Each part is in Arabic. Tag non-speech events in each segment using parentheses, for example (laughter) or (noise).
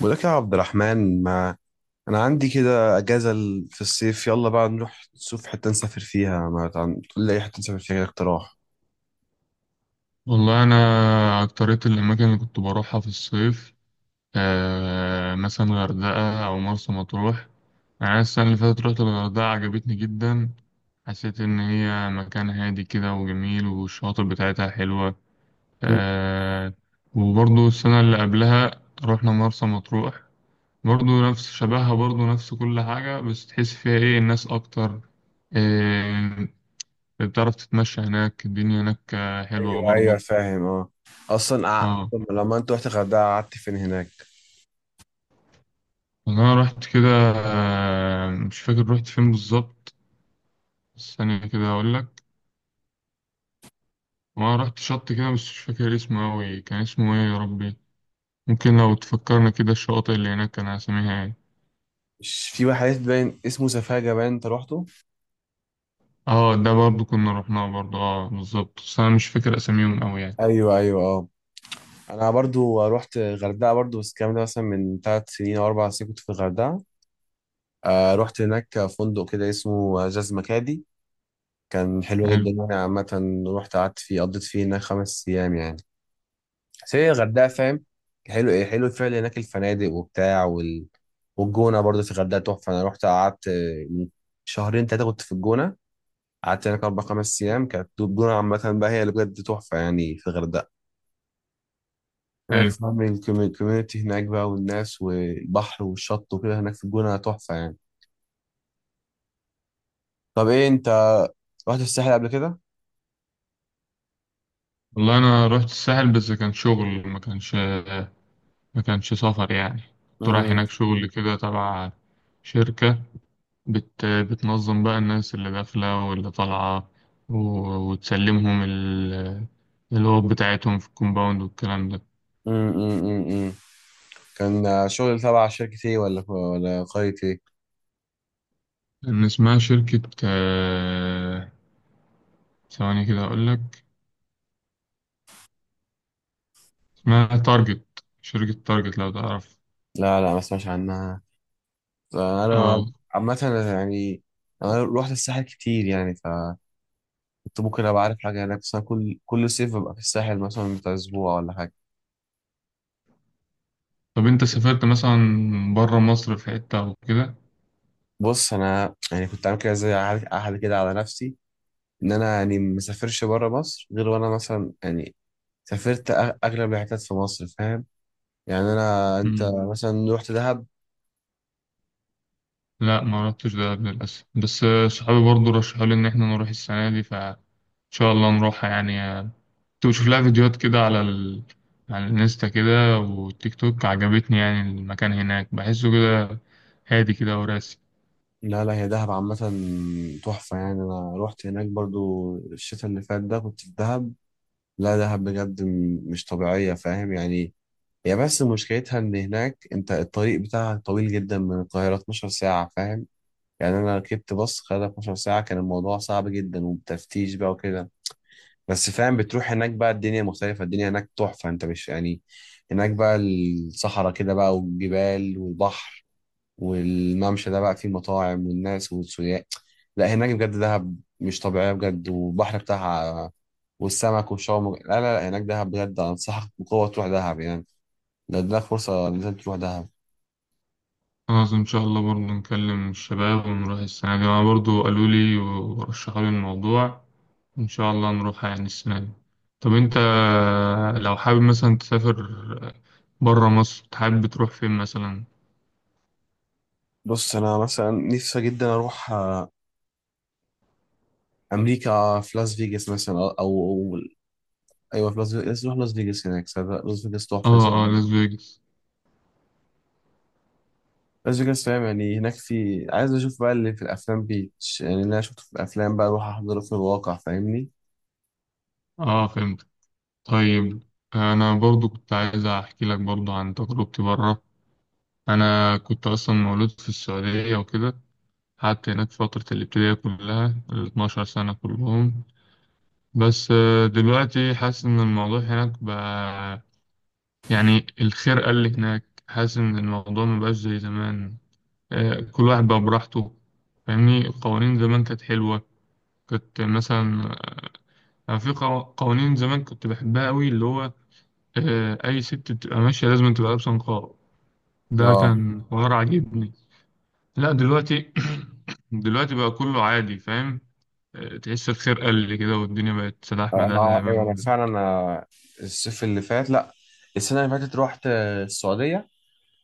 بقولك يا عبد الرحمن، ما انا عندي كده اجازه في الصيف، يلا بقى نروح نشوف حته نسافر فيها، ما تقول لي اي حته نسافر فيها كده اقتراح. والله أنا أكترية الأماكن اللي كنت بروحها في الصيف. مثلا غردقة أو مرسى مطروح. أنا السنة اللي فاتت رحت الغردقة، عجبتني جدا. حسيت إن هي مكان هادي كده وجميل، والشواطئ بتاعتها حلوة. مم. آه. وبرضو السنة اللي قبلها رحنا مرسى مطروح برضو، نفس شبهها، برضو نفس كل حاجة، بس تحس فيها إيه، الناس أكتر. آه بتعرف تتمشى هناك. الدنيا هناك حلوة ايوه ايوه برضو. فاهم اه. اصلا اه، طب لما انت رحت الغردقه قعدت فين هناك؟ والله أنا رحت كده. مش فاكر رحت فين بالظبط. ثانية كده هقول لك. وأنا رحت شط كده بس مش فاكر اسمه أوي. كان اسمه إيه يا ربي؟ ممكن لو تفكرنا كده، الشواطئ اللي هناك كان أساميها إيه؟ مش في واحد باين اسمه سفاجه باين انت روحته؟ أه، ده برضو كنا رحناه، برضو أه بالظبط، بس أنا مش فاكر أساميهم أوي يعني. ايوه ايوه اه. انا برضو رحت الغردقه برضو، بس الكلام ده مثلا من 3 سنين او 4 سنين كنت في الغردقه. آه، رحت هناك فندق كده اسمه جاز مكادي، كان حلو حلو، جدا يعني. عامة رحت قعدت فيه قضيت فيه هناك 5 أيام يعني. بس هي الغردقة فاهم. حلو، إيه حلو فعلا هناك الفنادق وبتاع والجونة برضه في الغردقة تحفة. أنا رحت قعدت من شهرين تلاتة كنت في الجونة، قعدت هناك أربع خمس أيام. كانت الجونة عامة بقى هي اللي بجد تحفة يعني في الغردقة هناك حلو. فاهم. الكوميونتي هناك بقى والناس والبحر والشط وكده، هناك في الجونة تحفة يعني. طب إيه أنت رحت الساحل قبل كده؟ والله أنا رحت الساحل بس كان شغل، ما كانش سفر يعني. كنت رايح امم. هناك شغل كده، تبع شركة بتنظم بقى الناس اللي داخلة واللي طالعة و... وتسلمهم الأوض بتاعتهم في الكومباوند والكلام ده. امم. امم. كان شغل تبع شركة ايه ولا قرية ايه؟ إن اسمها شركة، ثواني كده أقولك. اسمها تارجت، شركة تارجت لو تعرف. لا لا، ما اسمعش عنها. انا اه. عامة يعني انا روحت الساحل كتير، يعني فكنت ممكن ابقى عارف حاجة هناك، بس انا كل صيف ببقى في الساحل مثلا بتاع اسبوع ولا حاجة. طب أنت سافرت مثلا برا مصر في حتة أو كده؟ بص انا يعني كنت عامل كده زي عهد عهد كده على نفسي، ان انا يعني ما اسافرش بره مصر، غير وانا مثلا يعني سافرت اغلب الحتت في مصر فاهم؟ يعني انا، انت مثلا رحت دهب. لا، ما عرفتش ده قبل للأسف، بس آه، صحابي برضو رشحوا لي إن إحنا نروح السنة دي، فإن شاء الله نروحها يعني. كنت بشوف لها فيديوهات كده على على الانستا كده والتيك توك. عجبتني يعني، المكان هناك بحسه كده هادي كده وراسي. لا لا، هي دهب عامة تحفة يعني. أنا روحت هناك برضو الشتاء اللي فات ده كنت في دهب. لا دهب بجد مش طبيعية فاهم يعني. هي بس مشكلتها إن هناك أنت الطريق بتاعها طويل جدا، من القاهرة 12 ساعة فاهم. يعني أنا ركبت باص خد 12 ساعة، كان الموضوع صعب جدا وبتفتيش بقى وكده. بس فاهم بتروح هناك بقى الدنيا مختلفة، الدنيا هناك تحفة أنت مش يعني. هناك بقى الصحراء كده بقى، والجبال والبحر والممشى ده بقى فيه مطاعم والناس والسياح. لا هناك بجد دهب مش طبيعية بجد، والبحر بتاعها والسمك والشاورما. لا لا لا، هناك دهب بجد. أنصحك بقوة تروح دهب يعني، لو اديلك فرصة لازم تروح دهب. خلاص إن شاء الله، برضو نكلم الشباب ونروح السنة دي. أنا برضو قالوا لي ورشحوا لي الموضوع، إن شاء الله نروحها يعني السنة دي. طب أنت لو حابب مثلا تسافر بره مصر، تحب تروح فين مثلا؟ بص أنا مثلا نفسي جدا أروح آه، أمريكا في لاس فيجاس مثلا أو. أيوة، في لاس فيجاس لازم أروح لاس فيجاس، هناك صدق، لاس فيجاس تحفة. اه اه، لاس فيجاس. لاس فيجاس فاهم يعني، هناك في عايز أشوف بقى اللي في الأفلام بيتش، يعني اللي أنا شفته في الأفلام بقى أروح أحضره في الواقع فاهمني؟ اه فهمت. طيب، انا برضو كنت عايز احكي لك برضو عن تجربتي بره. انا كنت اصلا مولود في السعوديه وكده. قعدت هناك فتره الابتدائيه كلها، ال 12 سنه كلهم. بس دلوقتي حاسس ان الموضوع هناك بقى، يعني الخرقه اللي هناك، حاسس ان الموضوع مبقاش زي زمان. كل واحد بقى براحته، فاهمني؟ القوانين زمان كانت حلوة. كنت مثلا، أنا في قوانين زمان كنت بحبها قوي، اللي هو أي ست بتبقى ماشية لازم تبقى لابسة نقاب. ده اه كان حوار عاجبني. لا دلوقتي، (clears throat) دلوقتي بقى كله عادي، فاهم؟ تحس الخير قل كده، والدنيا بقت سلاح مداح زي اه ما ايوه، انا بنقول. فعلا آه، الصيف اللي فات، لا السنه اللي فاتت رحت آه، السعوديه.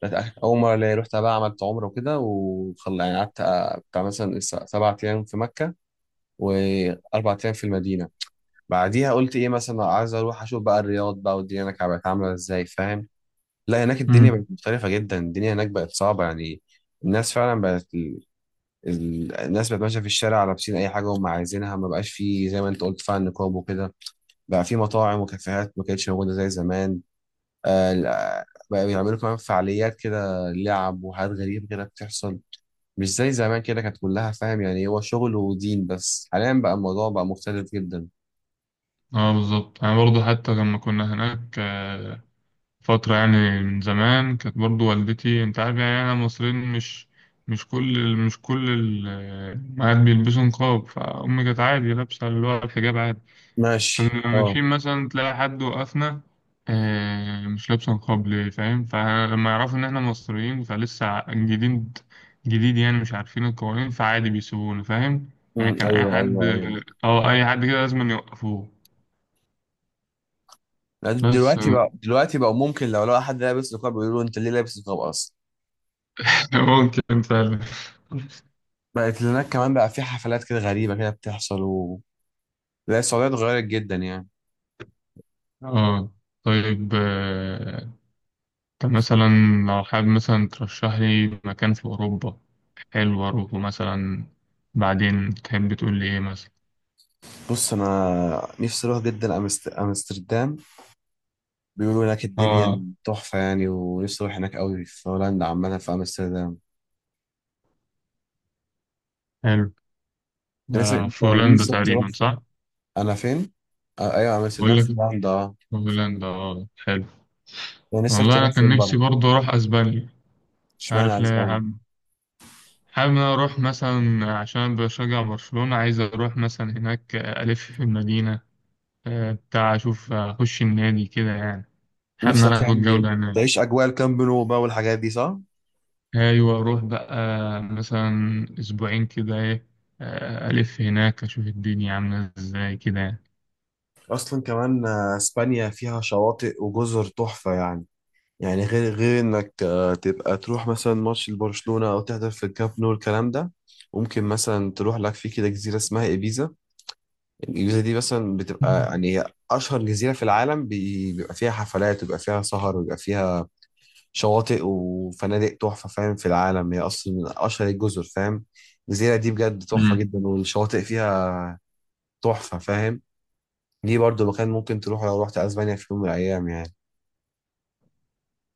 كانت اول مره ليا، رحت بقى عملت عمره وكده وخل يعني، قعدت آه، بتاع مثلا 7 ايام في مكه واربع ايام في المدينه. بعديها قلت ايه، مثلا عايز اروح اشوف بقى الرياض بقى، والدنيا هناك بقت عامله ازاي فاهم. لا هناك الدنيا بقت امم. مختلفه جدا، الدنيا هناك بقت صعبه يعني. الناس فعلا بقت الناس بقت ماشيه في الشارع لابسين اي حاجه هم عايزينها، ما بقاش فيه زي ما انت قلت فعلا نقاب وكده. بقى في مطاعم وكافيهات ما كانتش موجودة زي زمان. آه، لا، بقى بيعملوا كمان فعاليات كده، لعب وحاجات غريبة كده بتحصل. مش زي زمان كده كانت كلها فاهم يعني، هو شغل ودين، بس حاليا بقى الموضوع بقى مختلف جدا. اه بالظبط. انا برضو حتى لما كنا هناك فترة يعني من زمان، كانت برضو والدتي، انت عارف يعني انا مصريين، مش كل الأمهات بيلبسوا نقاب، فأمي كانت عادي لابسة اللي هو الحجاب عادي. ماشي فلما اه. ماشيين مثلا تلاقي حد وقفنا، مش لابس نقاب ليه، فاهم؟ فلما يعرفوا إن إحنا مصريين، فلسه جديد، جديد يعني، مش عارفين القوانين، فعادي بيسيبونا فاهم. يعني كان أي ايوه حد، ايوه ايوه. أه أي حد كده لازم يوقفوه. لا، بس (laughs) دلوقتي بقى، دلوقتي بقى ممكن لو لقى حد لابس نقاب بيقولوا انت ليه لابس نقاب اصلا. ممكن فعلا. بقت هناك كمان بقى في حفلات كده غريبة كده بتحصل لا السعودية اتغيرت جدا يعني. اه طيب. طب مثلا لو حابب مثلا ترشح لي مكان في أوروبا حلو أروحه مثلا، بعدين تحب تقول لي إيه مثلا؟ بص انا نفسي اروح جدا امستردام. بيقولوا هناك اه الدنيا تحفة يعني، ونفسي أروح هناك أوي في هولندا عامة في أمستردام. حلو، نفسك ده أنت، في هولندا نفسك تروح تقريبا صح؟ أنا فين؟ آه أيوة، أمستردام بقول لك، في هولندا أه. في هولندا اه، حلو. أنا نفسك والله تروح أنا كان فين بقى؟ نفسي برضه أروح أسبانيا. مش عارف إشمعنى ليه، أسبانيا؟ حابب، حابب إن أنا أروح مثلا عشان بشجع برشلونة، عايز أروح مثلا هناك ألف في المدينة، بتاع أشوف، أخش النادي كده يعني. حابب إن نفسك أنا آخد يعني جولة هناك. تعيش أجواء الكامب نو بقى والحاجات دي صح؟ أيوة أروح بقى مثلا أسبوعين كده، إيه، ألف هناك أشوف الدنيا عاملة إزاي كده يعني. أصلا كمان آه، إسبانيا فيها شواطئ وجزر تحفة يعني. يعني غير إنك آه، تبقى تروح مثلا ماتش لبرشلونة أو تحضر في الكامب نو الكلام ده. ممكن مثلا تروح لك في كده جزيرة اسمها إيبيزا. الجزيرة دي مثلا بتبقى يعني هي أشهر جزيرة في العالم، بيبقى فيها حفلات، وبيبقى فيها سهر، وبيبقى فيها شواطئ وفنادق تحفة فاهم، في العالم هي أصلا من أشهر الجزر فاهم. الجزيرة دي بجد تحفة مم. جدا، والشواطئ فيها تحفة فاهم. دي برضو مكان ممكن تروح لو رحت أسبانيا في يوم من الأيام يعني.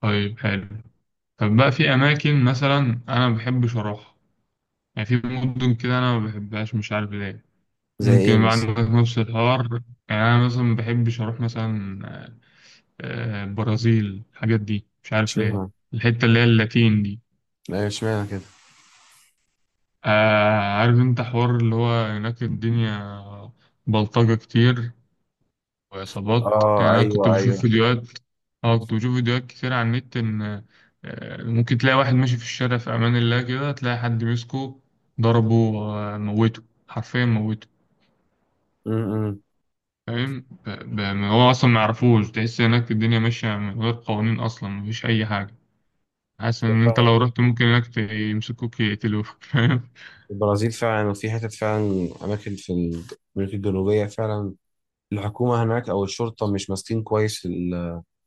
طيب حلو. طب بقى في أماكن مثلا أنا ما بحبش أروحها، يعني في مدن كده أنا ما بحبهاش مش عارف ليه. زي إيه ممكن بقى مثلا؟ عندك نفس الحوار، يعني أنا مثلا ما بحبش أروح مثلا البرازيل، الحاجات دي، مش عارف ليه. اشمعنى؟ الحتة اللي هي اللاتين دي، أيوة اشمعنى كده؟ عارف أنت حوار اللي هو هناك الدنيا بلطجة كتير وإصابات، يعني آه أنا كنت أيوه بشوف أيوه. فيديوهات. أه كنت بشوف فيديوهات كتير على النت، إن ممكن تلاقي واحد ماشي في الشارع في أمان الله كده، تلاقي حد مسكه ضربه، موته، حرفيا موته، م -م. فاهم؟ هو أصلا ما يعرفوش، تحس هناك الدنيا ماشية من غير قوانين أصلا، مفيش أي حاجة. حاسس إن أنت لو رحت ممكن هناك يمسكوك يقتلوك (laughs) فاهم. البرازيل فعلا، وفي حتت فعلا أماكن في أمريكا الجنوبية فعلا، الحكومة هناك أو الشرطة مش ماسكين كويس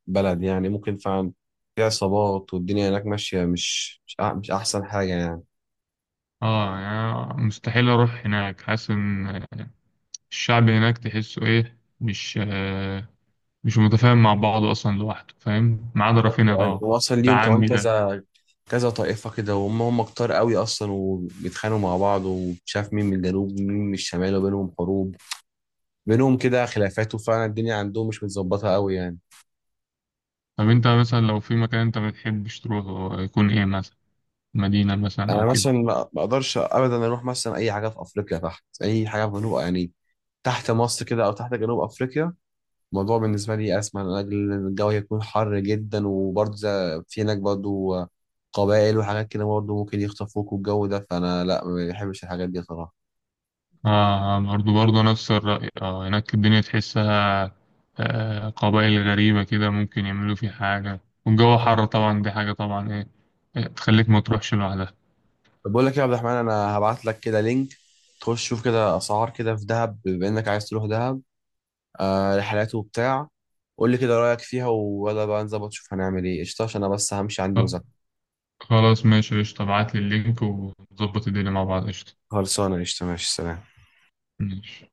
البلد يعني. ممكن فعلا في عصابات، والدنيا هناك ماشية مش أحسن حاجة يعني. اه يعني مستحيل أروح هناك. حاسس إن الشعب هناك تحسه إيه، مش مش متفاهم مع بعضه أصلا لوحده فاهم، ما عدا رافينيا طبعا، وأصلا ده ليهم كمان عمي ده. كذا كذا طائفة كده، وهم كتار قوي أصلا، وبيتخانقوا مع بعض، ومش عارف مين من الجنوب ومين من الشمال، وبينهم حروب، بينهم كده خلافات، وفعلا الدنيا عندهم مش متظبطة قوي يعني. طب أنت مثلا لو في مكان أنت ما بتحبش تروحه، يكون إيه مثلا؟ مدينة مثلا أنا أو مثلا كده؟ ما أقدرش أبدا أروح مثلا أي حاجة في أفريقيا، تحت أي حاجة في جنوب يعني، تحت مصر كده أو تحت جنوب أفريقيا. الموضوع بالنسبة لي أسمع من أجل إن الجو هيكون حر جدا، وبرضه في هناك برضه قبائل وحاجات كده، برضه ممكن يخطفوك والجو ده، فأنا لا ما بحبش الحاجات دي صراحة. آه برضه نفس الرأي. آه هناك الدنيا تحسها آه، قبائل غريبة كده، ممكن يعملوا في حاجة. والجو حر طبعا، دي حاجة طبعا، إيه، إيه، تخليك ما تروحش لوحدها. طب بقول لك إيه يا عبد الرحمن، أنا هبعت لك كده لينك تخش شوف كده أسعار كده في دهب، بما إنك عايز تروح دهب. آه، رحلات وبتاع. قول لي كده رأيك فيها، ويلا بقى نظبط شوف هنعمل إيه قشطة، عشان أنا بس همشي عندي آه، مذاكرة. خلاص ماشي، قشطة، ابعتلي اللينك ونظبط الدنيا مع بعض. قشطة خلصانة قشطة، ماشي سلام. ماشي.